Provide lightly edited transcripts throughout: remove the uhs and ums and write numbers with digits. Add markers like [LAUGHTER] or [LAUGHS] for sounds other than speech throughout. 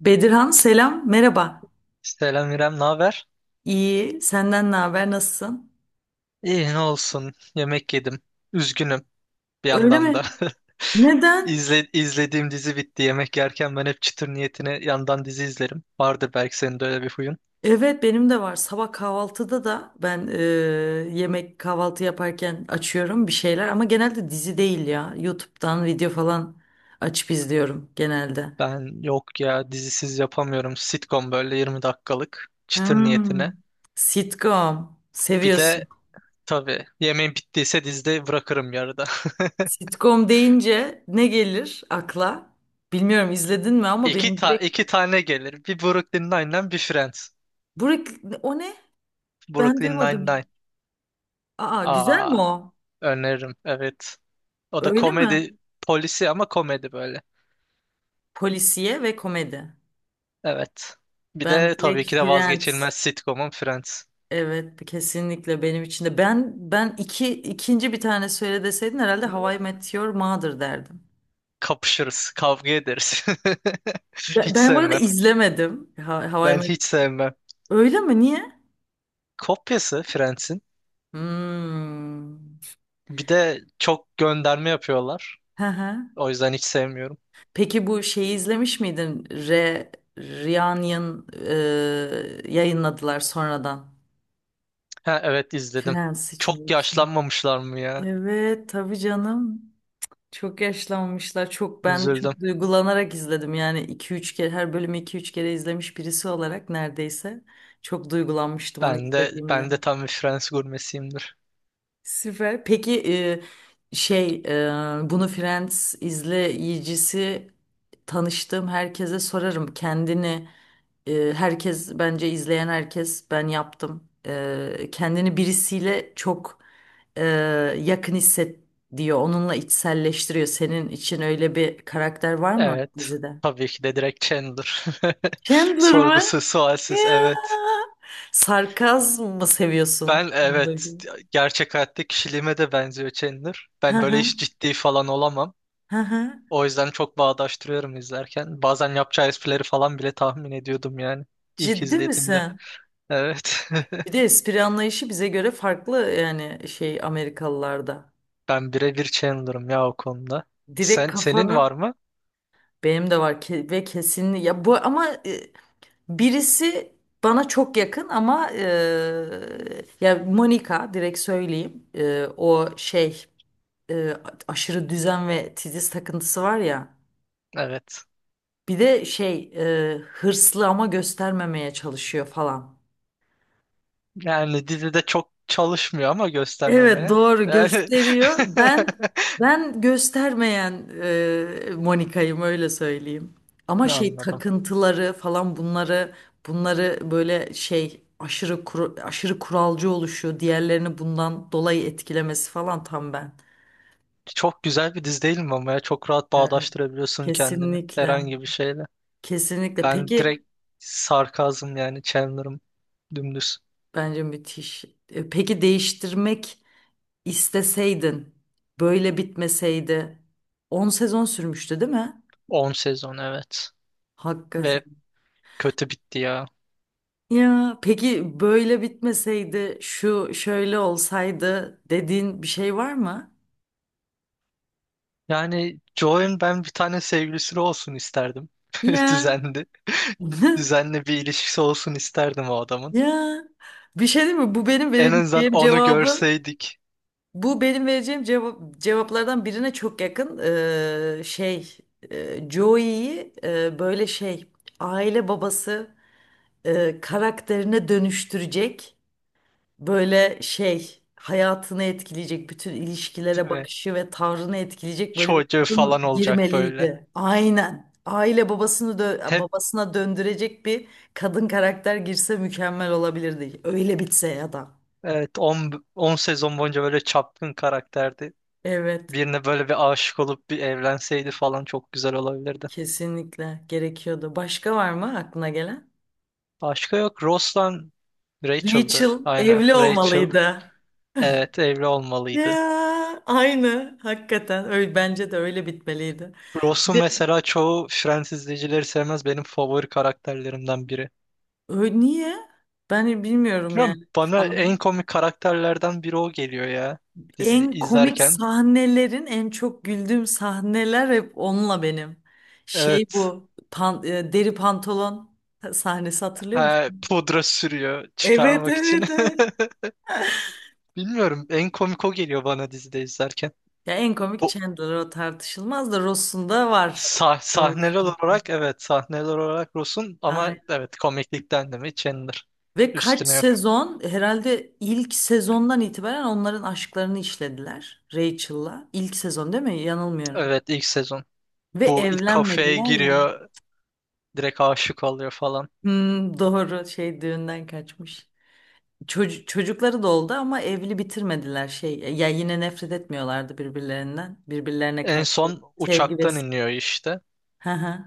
Bedirhan selam, merhaba. Selam İrem, ne haber? İyi, senden ne haber, nasılsın? İyi ne olsun. Yemek yedim. Üzgünüm bir Öyle yandan da. mi? [LAUGHS] Neden? İzlediğim dizi bitti. Yemek yerken ben hep çıtır niyetine yandan dizi izlerim. Vardır belki senin de öyle bir huyun. Evet benim de var. Sabah kahvaltıda da yemek kahvaltı yaparken açıyorum bir şeyler ama genelde dizi değil ya. YouTube'dan video falan açıp izliyorum genelde. Ben yok ya dizisiz yapamıyorum. Sitcom böyle 20 dakikalık çıtır Hmm, niyetine. sitcom Bir de seviyorsun. tabii yemeğin bittiyse dizide bırakırım yarıda. [LAUGHS] Sitcom deyince ne gelir akla? Bilmiyorum izledin mi ama benim direkt... iki tane gelir. Bir Brooklyn Nine-Nine, bir Friends. Burek, o ne? Ben Brooklyn duymadım hiç. Nine-Nine. Aa güzel mi Aa, o? öneririm. Evet. O da Öyle mi? komedi polisi ama komedi böyle. Polisiye ve komedi. Evet. Bir Ben de direkt tabii ki de vazgeçilmez Friends. sitcomum Friends. Evet, kesinlikle benim için de. Ben ikinci bir tane söyle deseydin herhalde How I Met Your Mother derdim. Kapışırız, kavga ederiz. [LAUGHS] Ben, Hiç ben bu arada sevmem. izlemedim. How I Ben Met. hiç sevmem. Öyle mi? Niye? Kopyası Friends'in. Hmm. Bir de çok gönderme yapıyorlar. Hı hı. O yüzden hiç sevmiyorum. Peki bu şeyi izlemiş miydin? Reunion yayınladılar sonradan. Ha, evet, izledim. Friends için. Çok yaşlanmamışlar mı ya? Evet, tabii canım. Çok yaşlanmışlar. Üzüldüm. Çok duygulanarak izledim. Yani 2-3 kere her bölümü 2-3 kere izlemiş birisi olarak neredeyse çok duygulanmıştım onu Ben de izlediğimde. ben de tam bir Fransız gurmesiyimdir. Süper. Peki, bunu Friends izleyicisi tanıştığım herkese sorarım. Herkes bence izleyen herkes ben yaptım. Kendini birisiyle çok e, yakın hisset diyor. Onunla içselleştiriyor. Senin için öyle bir karakter var mı Evet. dizide? Tabii ki de direkt Chandler. [LAUGHS] Chandler mı? Sorgusuz, Ya. sualsiz, evet. Sarkazm mı seviyorsun? Ben, Chandler evet, gibi. gerçek hayatta kişiliğime de benziyor Chandler. Hı Ben böyle hı. hiç ciddi falan olamam. Hı hı. O yüzden çok bağdaştırıyorum izlerken. Bazen yapacağı esprileri falan bile tahmin ediyordum yani. İlk Ciddi izlediğimde. misin? Evet. Bir de [LAUGHS] espri anlayışı bize göre farklı yani şey Amerikalılarda. Ben birebir Chandler'ım ya o konuda. Direkt Senin var kafanın mı? benim de var ve kesin ya bu ama birisi bana çok yakın ama ya Monica direkt söyleyeyim. O e, aşırı düzen ve titiz takıntısı var ya, Evet. bir de hırslı ama göstermemeye çalışıyor falan. Yani dizide çok çalışmıyor ama Evet göstermemeye. doğru Yani... gösteriyor. Ben [LAUGHS] ben göstermeyen Monika'yım öyle söyleyeyim. Ama şey Anladım. takıntıları falan bunları böyle şey aşırı kuralcı oluşu, diğerlerini bundan dolayı etkilemesi falan tam ben. Çok güzel bir dizi değil mi ama ya? Çok rahat Evet. bağdaştırabiliyorsun kendini Kesinlikle. herhangi bir şeyle. Kesinlikle. Ben Peki direkt sarkazm, yani Chandler'ım dümdüz. bence müthiş. Peki değiştirmek isteseydin böyle bitmeseydi 10 sezon sürmüştü değil mi? 10 sezon, evet. Hakikaten. Ve kötü bitti ya. Ya peki böyle bitmeseydi, şu şöyle olsaydı dediğin bir şey var mı? Yani Joe'nun ben bir tane sevgilisi olsun isterdim. [LAUGHS] Ya. Düzenli. [LAUGHS] [LAUGHS] Düzenli bir ilişkisi olsun isterdim o adamın. Ya. Bir şey değil mi? En azından onu görseydik, Bu benim vereceğim cevaplardan birine çok yakın. Ee, şey, Joey'yi böyle aile babası karakterine dönüştürecek, böyle şey hayatını etkileyecek, bütün ilişkilere değil mi? bakışı ve tavrını etkileyecek böyle bir Çocuğu kadın falan olacak böyle. girmeliydi. Aynen. Aile Hep, babasına döndürecek bir kadın karakter girse mükemmel olabilirdi. Öyle bitse ya da. evet, 10 sezon boyunca böyle çapkın karakterdi. Evet, Birine böyle bir aşık olup bir evlenseydi falan çok güzel olabilirdi. kesinlikle gerekiyordu. Başka var mı aklına gelen? Başka yok. Ross'la Rachel'dı. Rachel Aynen. evli Rachel. olmalıydı. Evet, evli olmalıydı. Ya, aynı hakikaten öyle bence de öyle bitmeliydi. Bir Ross'u de mesela çoğu Friends izleyicileri sevmez. Benim favori karakterlerimden biri. Niye? Ben bilmiyorum Bilmiyorum, yani. bana Fanları. en komik karakterlerden biri o geliyor ya dizi En komik izlerken. sahnelerin, en çok güldüğüm sahneler hep onunla benim. Şey Evet. bu deri pantolon sahnesi hatırlıyor Ha, musun? pudra sürüyor Evet çıkarmak için. evet evet. [LAUGHS] Bilmiyorum, en komik o geliyor bana dizide izlerken. Ya en komik Bu Chandler o tartışılmaz da Ross'un da var komik sahneler sahne. olarak, evet, sahneler olarak Ross'un ama Aynen. evet komiklikten de mi Chandler Ve kaç üstüne yok. sezon, herhalde ilk sezondan itibaren onların aşklarını işlediler Rachel'la. İlk sezon değil mi? Yanılmıyorum. Evet, ilk sezon. Ve Bu ilk kafeye evlenmediler ya. giriyor, direkt aşık oluyor falan. Hmm, doğru şey düğünden kaçmış. Çocukları da oldu ama evli bitirmediler şey. Ya yine nefret etmiyorlardı birbirlerinden. Birbirlerine En karşı son sevgi ve uçaktan iniyor işte. hı hı.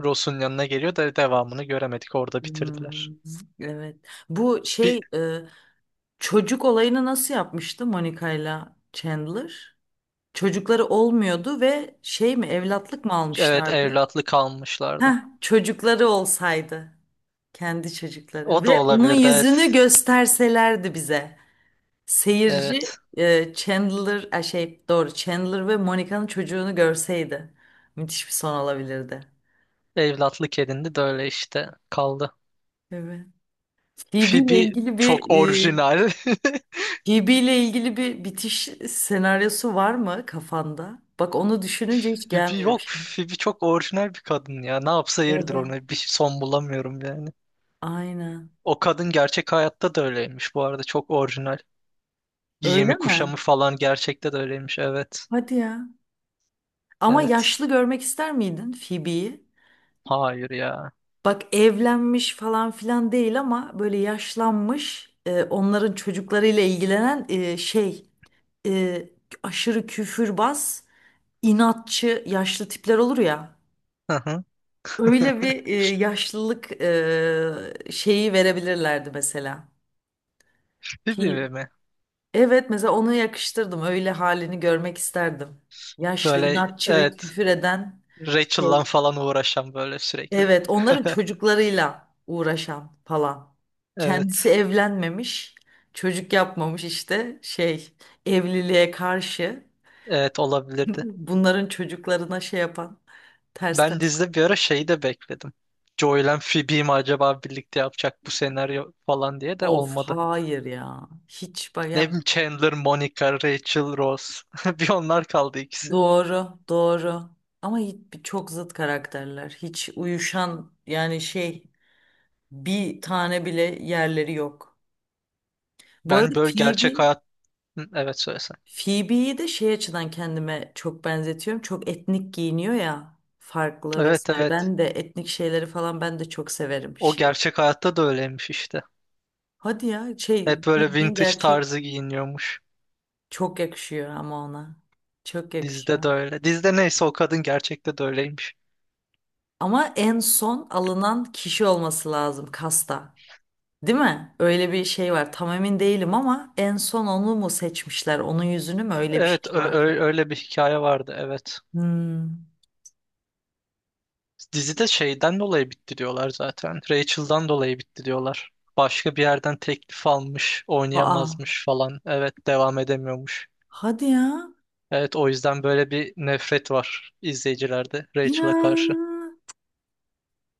Ross'un yanına geliyor da devamını göremedik. Orada Hmm, bitirdiler. evet. Bu Bir, şey e, Çocuk olayını nasıl yapmıştı Monica'yla Chandler? Çocukları olmuyordu ve şey mi, evlatlık mı evet, almışlardı? evlatlı Heh, kalmışlardı. çocukları olsaydı. Kendi çocukları O da ve onun olabilirdi, yüzünü evet. gösterselerdi bize. Seyirci Evet. e, Chandler e, şey doğru Chandler ve Monica'nın çocuğunu görseydi müthiş bir son olabilirdi. Evlatlık edindi de öyle işte kaldı. Evet. Phoebe ile Phoebe ilgili çok bir e, orijinal. [LAUGHS] Phoebe ile ilgili bir bitiş senaryosu var mı kafanda? Bak onu düşününce hiç Phoebe gelmiyor bir yok. şey. Phoebe çok orijinal bir kadın ya. Ne yapsa yeridir Evet. ona. Bir son bulamıyorum yani. Aynen. O kadın gerçek hayatta da öyleymiş bu arada. Çok orijinal. Öyle Giyimi mi? kuşamı falan gerçekte de öyleymiş. Evet. Hadi ya. Ama Evet. yaşlı görmek ister miydin Phoebe'yi? Hayır ya. Bak evlenmiş falan filan değil ama böyle yaşlanmış, onların çocuklarıyla ilgilenen, e, aşırı küfürbaz, inatçı yaşlı tipler olur ya. Hı hı. [LAUGHS] Öyle bir yaşlılık şeyi verebilirlerdi mesela. Ki, Phoebe mi? evet mesela onu yakıştırdım. Öyle halini görmek isterdim. Yaşlı, Böyle, inatçı ve evet, küfür eden Rachel'la şey. falan uğraşan böyle sürekli. Evet, [LAUGHS] onların çocuklarıyla uğraşan falan. Kendisi Evet. evlenmemiş, çocuk yapmamış işte şey, evliliğe karşı Evet, [LAUGHS] olabilirdi. bunların çocuklarına şey yapan, ters Ben ters. dizide bir ara şeyi de bekledim. Joey'le Phoebe'yi mi acaba birlikte yapacak bu senaryo falan diye, de Of olmadı. hayır ya. Hiç bak Ne ya, bileyim, Chandler, Monica, Rachel, Rose. [LAUGHS] Bir onlar kaldı ikisi. doğru doğru. Ama hiç, çok zıt karakterler. Hiç uyuşan yani şey bir tane bile yerleri yok. Bu arada Ben böyle gerçek Phoebe hayat... Hı, evet, söylesen. Phoebe'yi de şey açıdan kendime çok benzetiyorum. Çok etnik giyiniyor ya, farklı Evet, vesaire. evet. Ben de etnik şeyleri falan ben de çok severim. O Şey. gerçek hayatta da öyleymiş işte. Hadi ya şey Hep böyle bildiğin vintage gerçek. tarzı giyiniyormuş. Çok yakışıyor ama ona. Çok Dizide yakışıyor. de öyle. Dizide neyse o kadın gerçekte de öyleymiş. Ama en son alınan kişi olması lazım kasta. Değil mi? Öyle bir şey var. Tam emin değilim ama en son onu mu seçmişler? Onun yüzünü mü? Öyle bir Evet, şey var. Öyle bir hikaye vardı, evet. Hmm. Dizide şeyden dolayı bitti diyorlar zaten. Rachel'dan dolayı bitti diyorlar. Başka bir yerden teklif almış, Aa. oynayamazmış falan. Evet, devam edemiyormuş. Hadi ya. Evet, o yüzden böyle bir nefret var izleyicilerde Rachel'a karşı. Ya.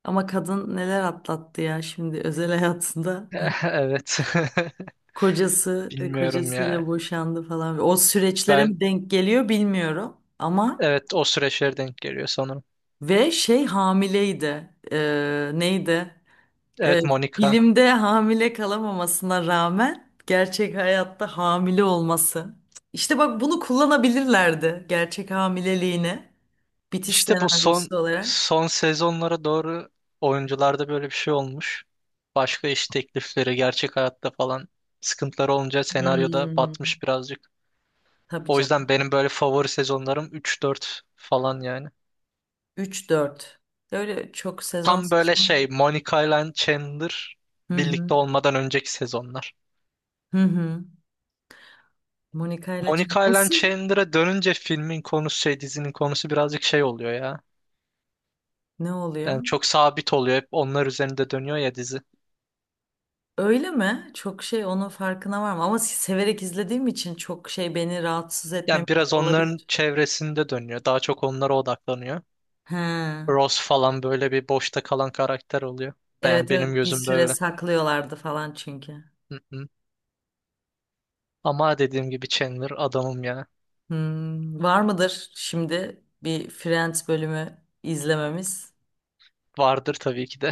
Ama kadın neler atlattı ya şimdi özel hayatında. [LAUGHS] Evet. [LAUGHS] [LAUGHS] Bilmiyorum kocasıyla ya. boşandı falan. O süreçlere Ben, mi denk geliyor bilmiyorum. Ama evet, o süreçlere denk geliyor sanırım. ve şey hamileydi. Neydi? E, Evet, Monica. Filmde hamile kalamamasına rağmen gerçek hayatta hamile olması. İşte bak bunu kullanabilirlerdi, gerçek hamileliğine bitiş İşte bu son senaryosu olarak. son sezonlara doğru oyuncularda böyle bir şey olmuş. Başka iş teklifleri, gerçek hayatta falan sıkıntıları olunca senaryoda Hmm, batmış birazcık. tabii O canım. yüzden benim böyle favori sezonlarım 3-4 falan yani. Üç dört. Öyle çok sezon Tam böyle sezon. şey Monica ile Chandler Hı hı. birlikte olmadan önceki sezonlar. Hı hı. Monica ile Nasıl? Chandler'a dönünce filmin konusu, şey, dizinin konusu birazcık şey oluyor ya. Ne oluyor? Yani çok sabit oluyor. Hep onlar üzerinde dönüyor ya dizi. Öyle mi? Çok şey onun farkına var mı? Ama severek izlediğim için çok şey beni rahatsız Yani etmemiş biraz onların olabilir. çevresinde dönüyor. Daha çok onlara odaklanıyor. He. Ross falan böyle bir boşta kalan karakter oluyor. Ben Evet benim evet bir gözümde süre öyle. saklıyorlardı falan çünkü. Hı hı. Ama dediğim gibi Chandler adamım ya. Hmm, var mıdır şimdi bir Friends bölümü izlememiz? Vardır tabii ki de.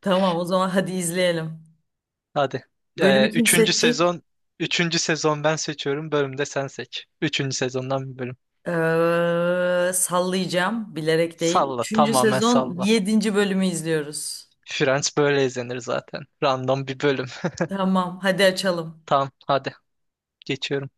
Tamam o zaman hadi izleyelim. [LAUGHS] Hadi. Bölümü Ee, kim üçüncü seçecek? sezon üçüncü sezon ben seçiyorum. Bölümde sen seç. Üçüncü sezondan bir bölüm. Sallayacağım bilerek değil. Salla. Üçüncü Tamamen sezon salla. yedinci bölümü izliyoruz. Friends böyle izlenir zaten. Random bir bölüm. Tamam hadi açalım. Tamam, hadi. Geçiyorum.